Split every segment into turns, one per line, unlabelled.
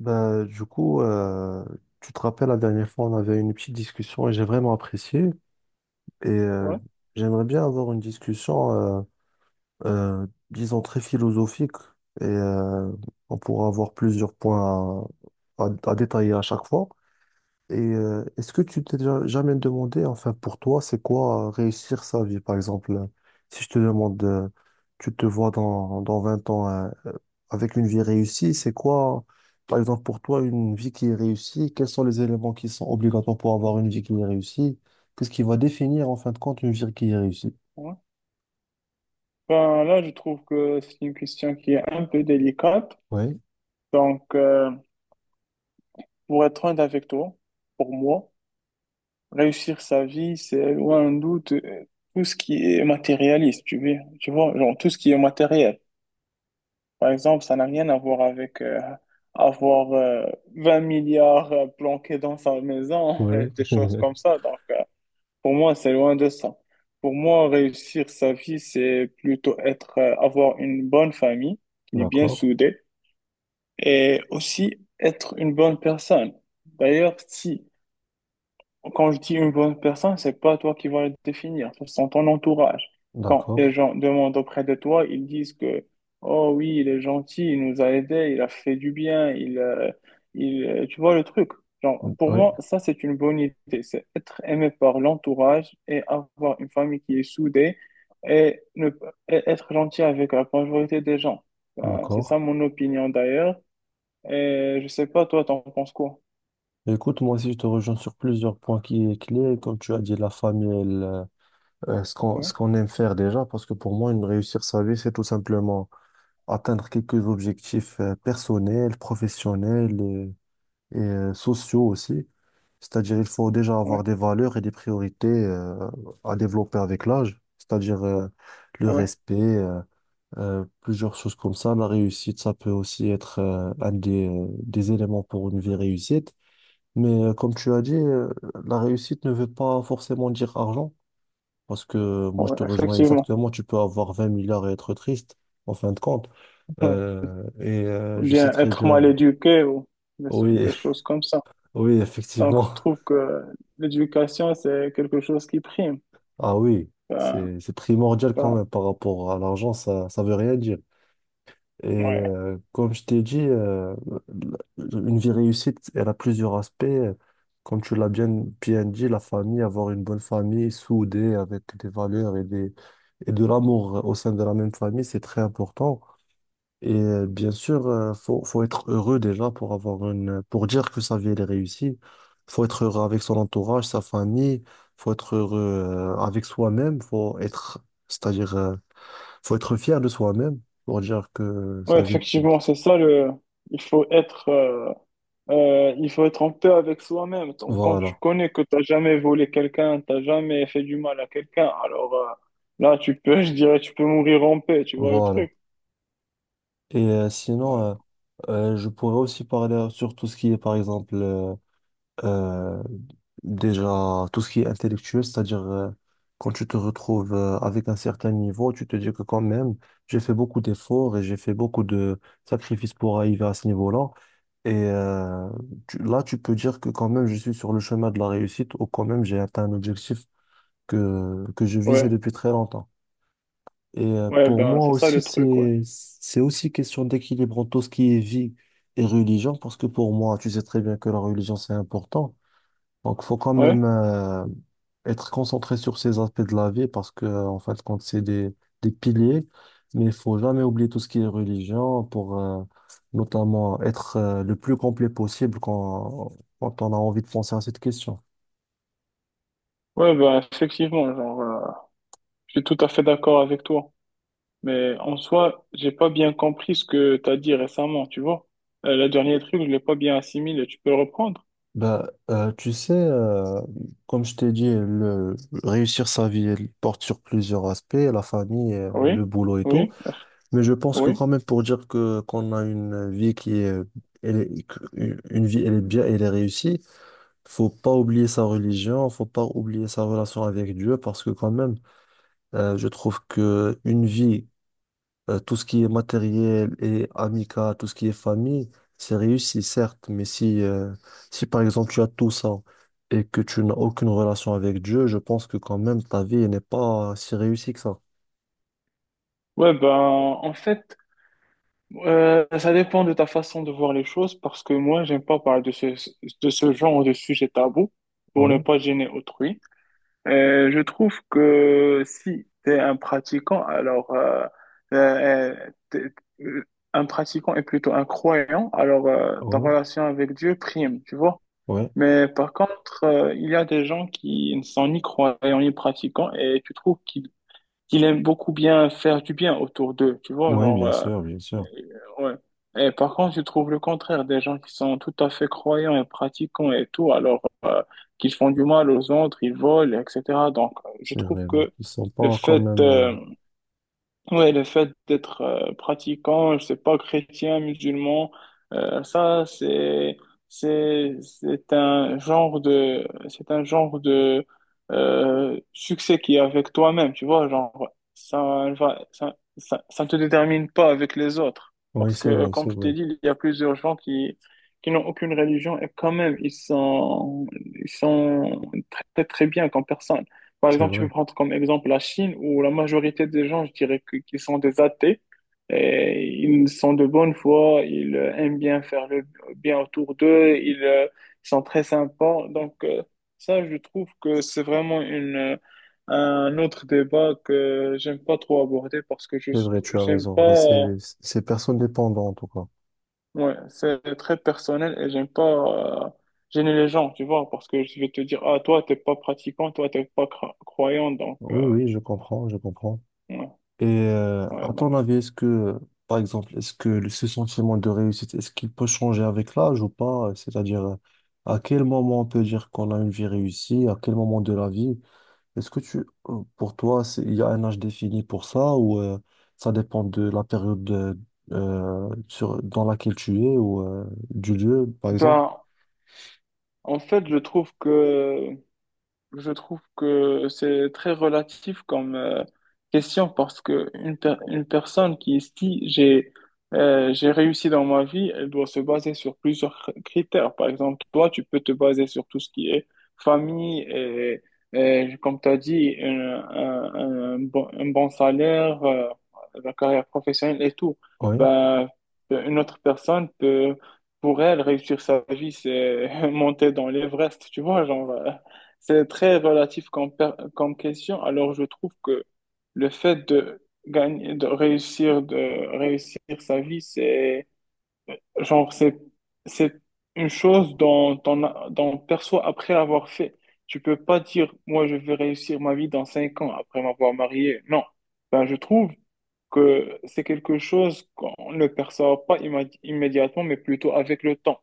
Bah, du coup, euh, Tu te rappelles, la dernière fois, on avait une petite discussion et j'ai vraiment apprécié. Et euh,
Ouais,
J'aimerais bien avoir une discussion, euh, euh, disons, très philosophique. Et euh, on pourra avoir plusieurs points à détailler à chaque fois. Est-ce que tu t'es déjà jamais demandé, enfin pour toi, c'est quoi réussir sa vie? Par exemple, si je te demande, tu te vois dans 20 ans avec une vie réussie, c'est quoi, par exemple pour toi, une vie qui est réussie? Quels sont les éléments qui sont obligatoires pour avoir une vie qui est réussie? Qu'est-ce qui va définir en fin de compte une vie qui est réussie?
ouais. Ben là, je trouve que c'est une question qui est un peu délicate.
Oui,
Donc, pour être honnête avec toi, pour moi, réussir sa vie, c'est loin d'un doute tout ce qui est matérialiste, tu vois, genre tout ce qui est matériel. Par exemple, ça n'a rien à voir avec avoir 20 milliards planqués dans sa maison,
oui,
des choses comme ça. Donc, pour moi, c'est loin de ça. Pour moi, réussir sa vie, c'est plutôt être, avoir une bonne famille qui est bien
d'accord,
soudée et aussi être une bonne personne. D'ailleurs, si quand je dis une bonne personne, c'est pas toi qui vas le définir, ce sont ton entourage. Quand les
d'accord,
gens demandent auprès de toi, ils disent que, oh oui, il est gentil, il nous a aidés, il a fait du bien, il, tu vois le truc. Genre, pour
oui,
moi, ça, c'est une bonne idée. C'est être aimé par l'entourage et avoir une famille qui est soudée et, ne, et être gentil avec la majorité des gens. Ben, c'est
d'accord.
ça mon opinion d'ailleurs. Et je sais pas, toi, t'en penses quoi?
Écoute, moi aussi, je te rejoins sur plusieurs points qui est clé. Comme tu as dit, la famille, elle ce ce
Oui,
qu'on aime faire déjà, parce que pour moi, une réussir sa vie, c'est tout simplement atteindre quelques objectifs personnels, professionnels et sociaux aussi. C'est-à-dire, il faut déjà
oui,
avoir des valeurs et des priorités à développer avec l'âge, c'est-à-dire le
oui,
respect, plusieurs choses comme ça. La réussite, ça peut aussi être un des éléments pour une vie réussite. Comme tu as dit, la réussite ne veut pas forcément dire argent. Parce que moi, je
oui,
te rejoins
effectivement.
exactement. Tu peux avoir 20 milliards et être triste, en fin de compte.
Ou
Je sais
bien
très
être mal
bien.
éduqué ou des, so-,
Oui,
des choses comme ça.
oui,
Donc,
effectivement.
je trouve que l'éducation, c'est quelque chose qui prime.
Ah oui,
Ben,
c'est primordial quand
ben,
même par rapport à l'argent. Ça veut rien dire.
ouais.
Comme je t'ai dit, une vie réussite, elle a plusieurs aspects. Comme tu l'as bien, Bien dit, la famille, avoir une bonne famille soudée avec des valeurs et de l'amour au sein de la même famille, c'est très important. Et bien sûr, faut être heureux déjà pour avoir une, pour dire que sa vie elle est réussie. Faut être heureux avec son entourage, sa famille. Faut être heureux avec soi-même. C'est-à-dire, faut être fier de soi-même pour dire que
Ouais,
sa vie est réussie.
effectivement, c'est ça le, il faut être, euh, il faut être en paix avec soi-même. Donc, quand tu
Voilà,
connais que t'as jamais volé quelqu'un, t'as jamais fait du mal à quelqu'un, alors, là, tu peux, je dirais, tu peux mourir en paix, tu vois le
voilà.
truc.
Et euh, sinon,
Ouais,
euh, je pourrais aussi parler sur tout ce qui est, par exemple, Euh, déjà, tout ce qui est intellectuel, c'est-à-dire quand tu te retrouves avec un certain niveau, tu te dis que quand même, j'ai fait beaucoup d'efforts et j'ai fait beaucoup de sacrifices pour arriver à ce niveau-là. Et euh, Là, tu peux dire que quand même, je suis sur le chemin de la réussite ou quand même, j'ai atteint un objectif que je visais
ouais,
depuis très longtemps.
ouais,
Pour
ben,
moi
c'est ça
aussi,
le truc, ouais.
c'est aussi question d'équilibre entre tout ce qui est vie et religion, parce que pour moi, tu sais très bien que la religion, c'est important. Donc, faut quand même
Ouais,
euh, être concentré sur ces aspects de la vie parce que, en fin de compte, c'est des piliers, mais il faut jamais oublier tout ce qui est religion pour notamment être le plus complet possible quand on a envie de penser à cette question.
ouais, ben, effectivement, genre, je suis tout à fait d'accord avec toi. Mais en soi, j'ai pas bien compris ce que t'as dit récemment, tu vois. La dernière truc, je l'ai pas bien assimilé. Tu peux le reprendre?
Tu sais, comme je t'ai dit, réussir sa vie, elle porte sur plusieurs aspects, la famille, le
Oui,
boulot et tout.
oui,
Mais je pense que
oui.
quand même pour dire que qu'on a une vie qui est, une vie elle est bien et elle est réussie, faut pas oublier sa religion, faut pas oublier sa relation avec Dieu parce que quand même je trouve que une vie tout ce qui est matériel et amical, tout ce qui est famille, c'est réussi certes, mais si par exemple tu as tout ça et que tu n'as aucune relation avec Dieu, je pense que quand même ta vie elle n'est pas si réussie que ça.
Ouais, ben, en fait, ça dépend de ta façon de voir les choses parce que moi, j'aime pas parler de ce genre de sujet tabou pour ne
Oui,
pas gêner autrui. Je trouve que si t'es un pratiquant, alors, euh, t'es- euh, un pratiquant est plutôt un croyant, alors ta
oui,
relation avec Dieu prime, tu vois.
oui,
Mais par contre, il y a des gens qui ne sont ni croyants ni pratiquants et tu trouves qu'ils aiment beaucoup bien faire du bien autour d'eux, tu vois,
oui,
genre,
bien sûr, bien
euh,
sûr.
ouais. Et par contre, tu trouves le contraire, des gens qui sont tout à fait croyants et pratiquants et tout, alors qu'ils font du mal aux autres, ils volent, etc. Donc, je
C'est
trouve
vrai, donc
que
ils sont
le
pas quand
fait,
même.
ouais, le fait d'être pratiquant, je sais pas, chrétien, musulman, ça c'est un genre de succès qui est avec toi-même, tu vois, genre ça va ça, ça ça ne te détermine pas avec les autres
Oui,
parce
c'est
que
vrai, c'est
comme je t'ai
vrai,
dit, il y a plusieurs gens qui n'ont aucune religion et quand même ils sont très très bien comme personne par
c'est
exemple, tu peux
vrai,
prendre comme exemple la Chine, où la majorité des gens, je dirais qu'ils sont des athées, et ils sont de bonne foi, ils aiment bien faire le bien autour d'eux, ils sont très sympas. Donc, ça, je trouve que c'est vraiment un autre débat que j'aime pas trop aborder parce que je
c'est vrai, tu as
j'aime
raison.
pas,
Bah, c'est personne dépendant en tout cas.
ouais, c'est très personnel et j'aime pas euh, gêner les gens, tu vois, parce que je vais te dire, ah, toi, t'es pas pratiquant, toi, t'es pas croyant, donc,
Oui, oui, je comprends, je comprends.
ouais, ouais,
À ton
donc.
avis, par exemple, est-ce que ce sentiment de réussite, est-ce qu'il peut changer avec l'âge ou pas? C'est-à-dire, à quel moment on peut dire qu'on a une vie réussie, à quel moment de la vie? Est-ce que tu, pour toi, il y a un âge défini pour ça ou ça dépend de la période dans laquelle tu es ou du lieu, par exemple?
Ben, en fait, je trouve que c'est très relatif comme question parce que une personne qui se dit j'ai réussi dans ma vie, elle doit se baser sur plusieurs critères. Par exemple, toi, tu peux te baser sur tout ce qui est famille et comme tu as dit, un bon salaire, la carrière professionnelle et tout.
Oui,
Ben, une autre personne peut, pour elle, réussir sa vie, c'est monter dans l'Everest, tu vois, genre. C'est très relatif comme question. Alors, je trouve que le fait de gagner, de réussir, sa vie, genre, c'est, c'est une chose dont on perçoit après l'avoir fait. Tu peux pas dire, moi, je vais réussir ma vie dans 5 ans après m'avoir marié. Non. Ben, je trouve que c'est quelque chose qu'on ne perçoit pas immédiatement, mais plutôt avec le temps.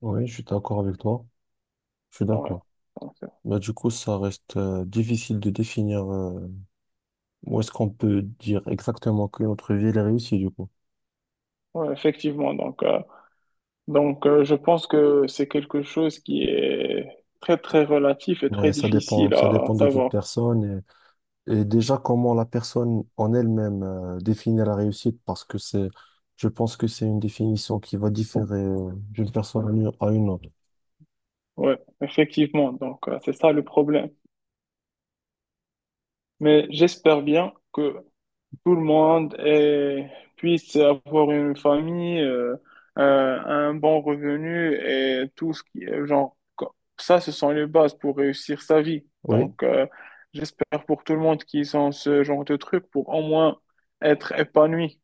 oui, je suis d'accord avec toi. Je suis
Ouais.
d'accord.
Donc,
Ça reste difficile de définir où est-ce qu'on peut dire exactement que notre vie elle est réussie, du coup.
ouais, effectivement. Donc, je pense que c'est quelque chose qui est très, très relatif et très
Ouais,
difficile
ça
à
dépend de toute
savoir.
personne. Et déjà, comment la personne en elle-même définit la réussite, parce que je pense que c'est une définition qui va différer d'une personne à une autre.
Ouais, effectivement. Donc, c'est ça le problème. Mais j'espère bien que tout le monde puisse avoir une famille, un bon revenu et tout ce qui est genre, ça, ce sont les bases pour réussir sa vie.
Oui,
Donc, j'espère pour tout le monde qu'ils ont ce genre de truc pour au moins être épanoui.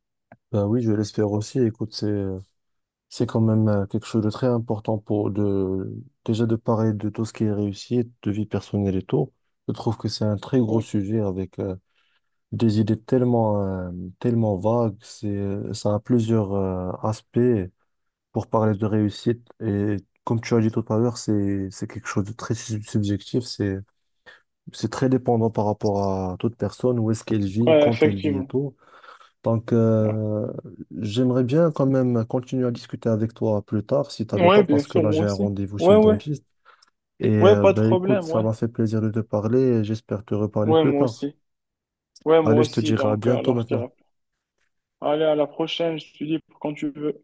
ben oui, je l'espère aussi. Écoute, c'est quand même quelque chose de très important pour déjà de parler de tout ce qui est réussite, de vie personnelle et tout. Je trouve que c'est un très gros
Ouais,
sujet avec des idées tellement, tellement vagues. Ça a plusieurs aspects. Pour parler de réussite. Et comme tu as dit tout à l'heure, c'est quelque chose de très subjectif. C'est très dépendant par rapport à toute personne, où est-ce qu'elle vit,
ouais,
quand elle vit et
effectivement.
tout. Donc,
Ouais.
euh, J'aimerais bien quand même continuer à discuter avec toi plus tard, si tu as le
Ouais,
temps,
bien
parce que
sûr,
là,
moi
j'ai un
aussi.
rendez-vous chez
Ouais,
le
ouais.
dentiste.
Ouais, pas de
Écoute,
problème,
ça
ouais.
m'a fait plaisir de te parler et j'espère te reparler
Ouais,
plus
moi
tard.
aussi. Ouais,
Allez,
moi
je te
aussi.
dirai à
Donc,
bientôt
alors, je
maintenant.
dirais. Allez, à la prochaine, je te dis quand tu veux.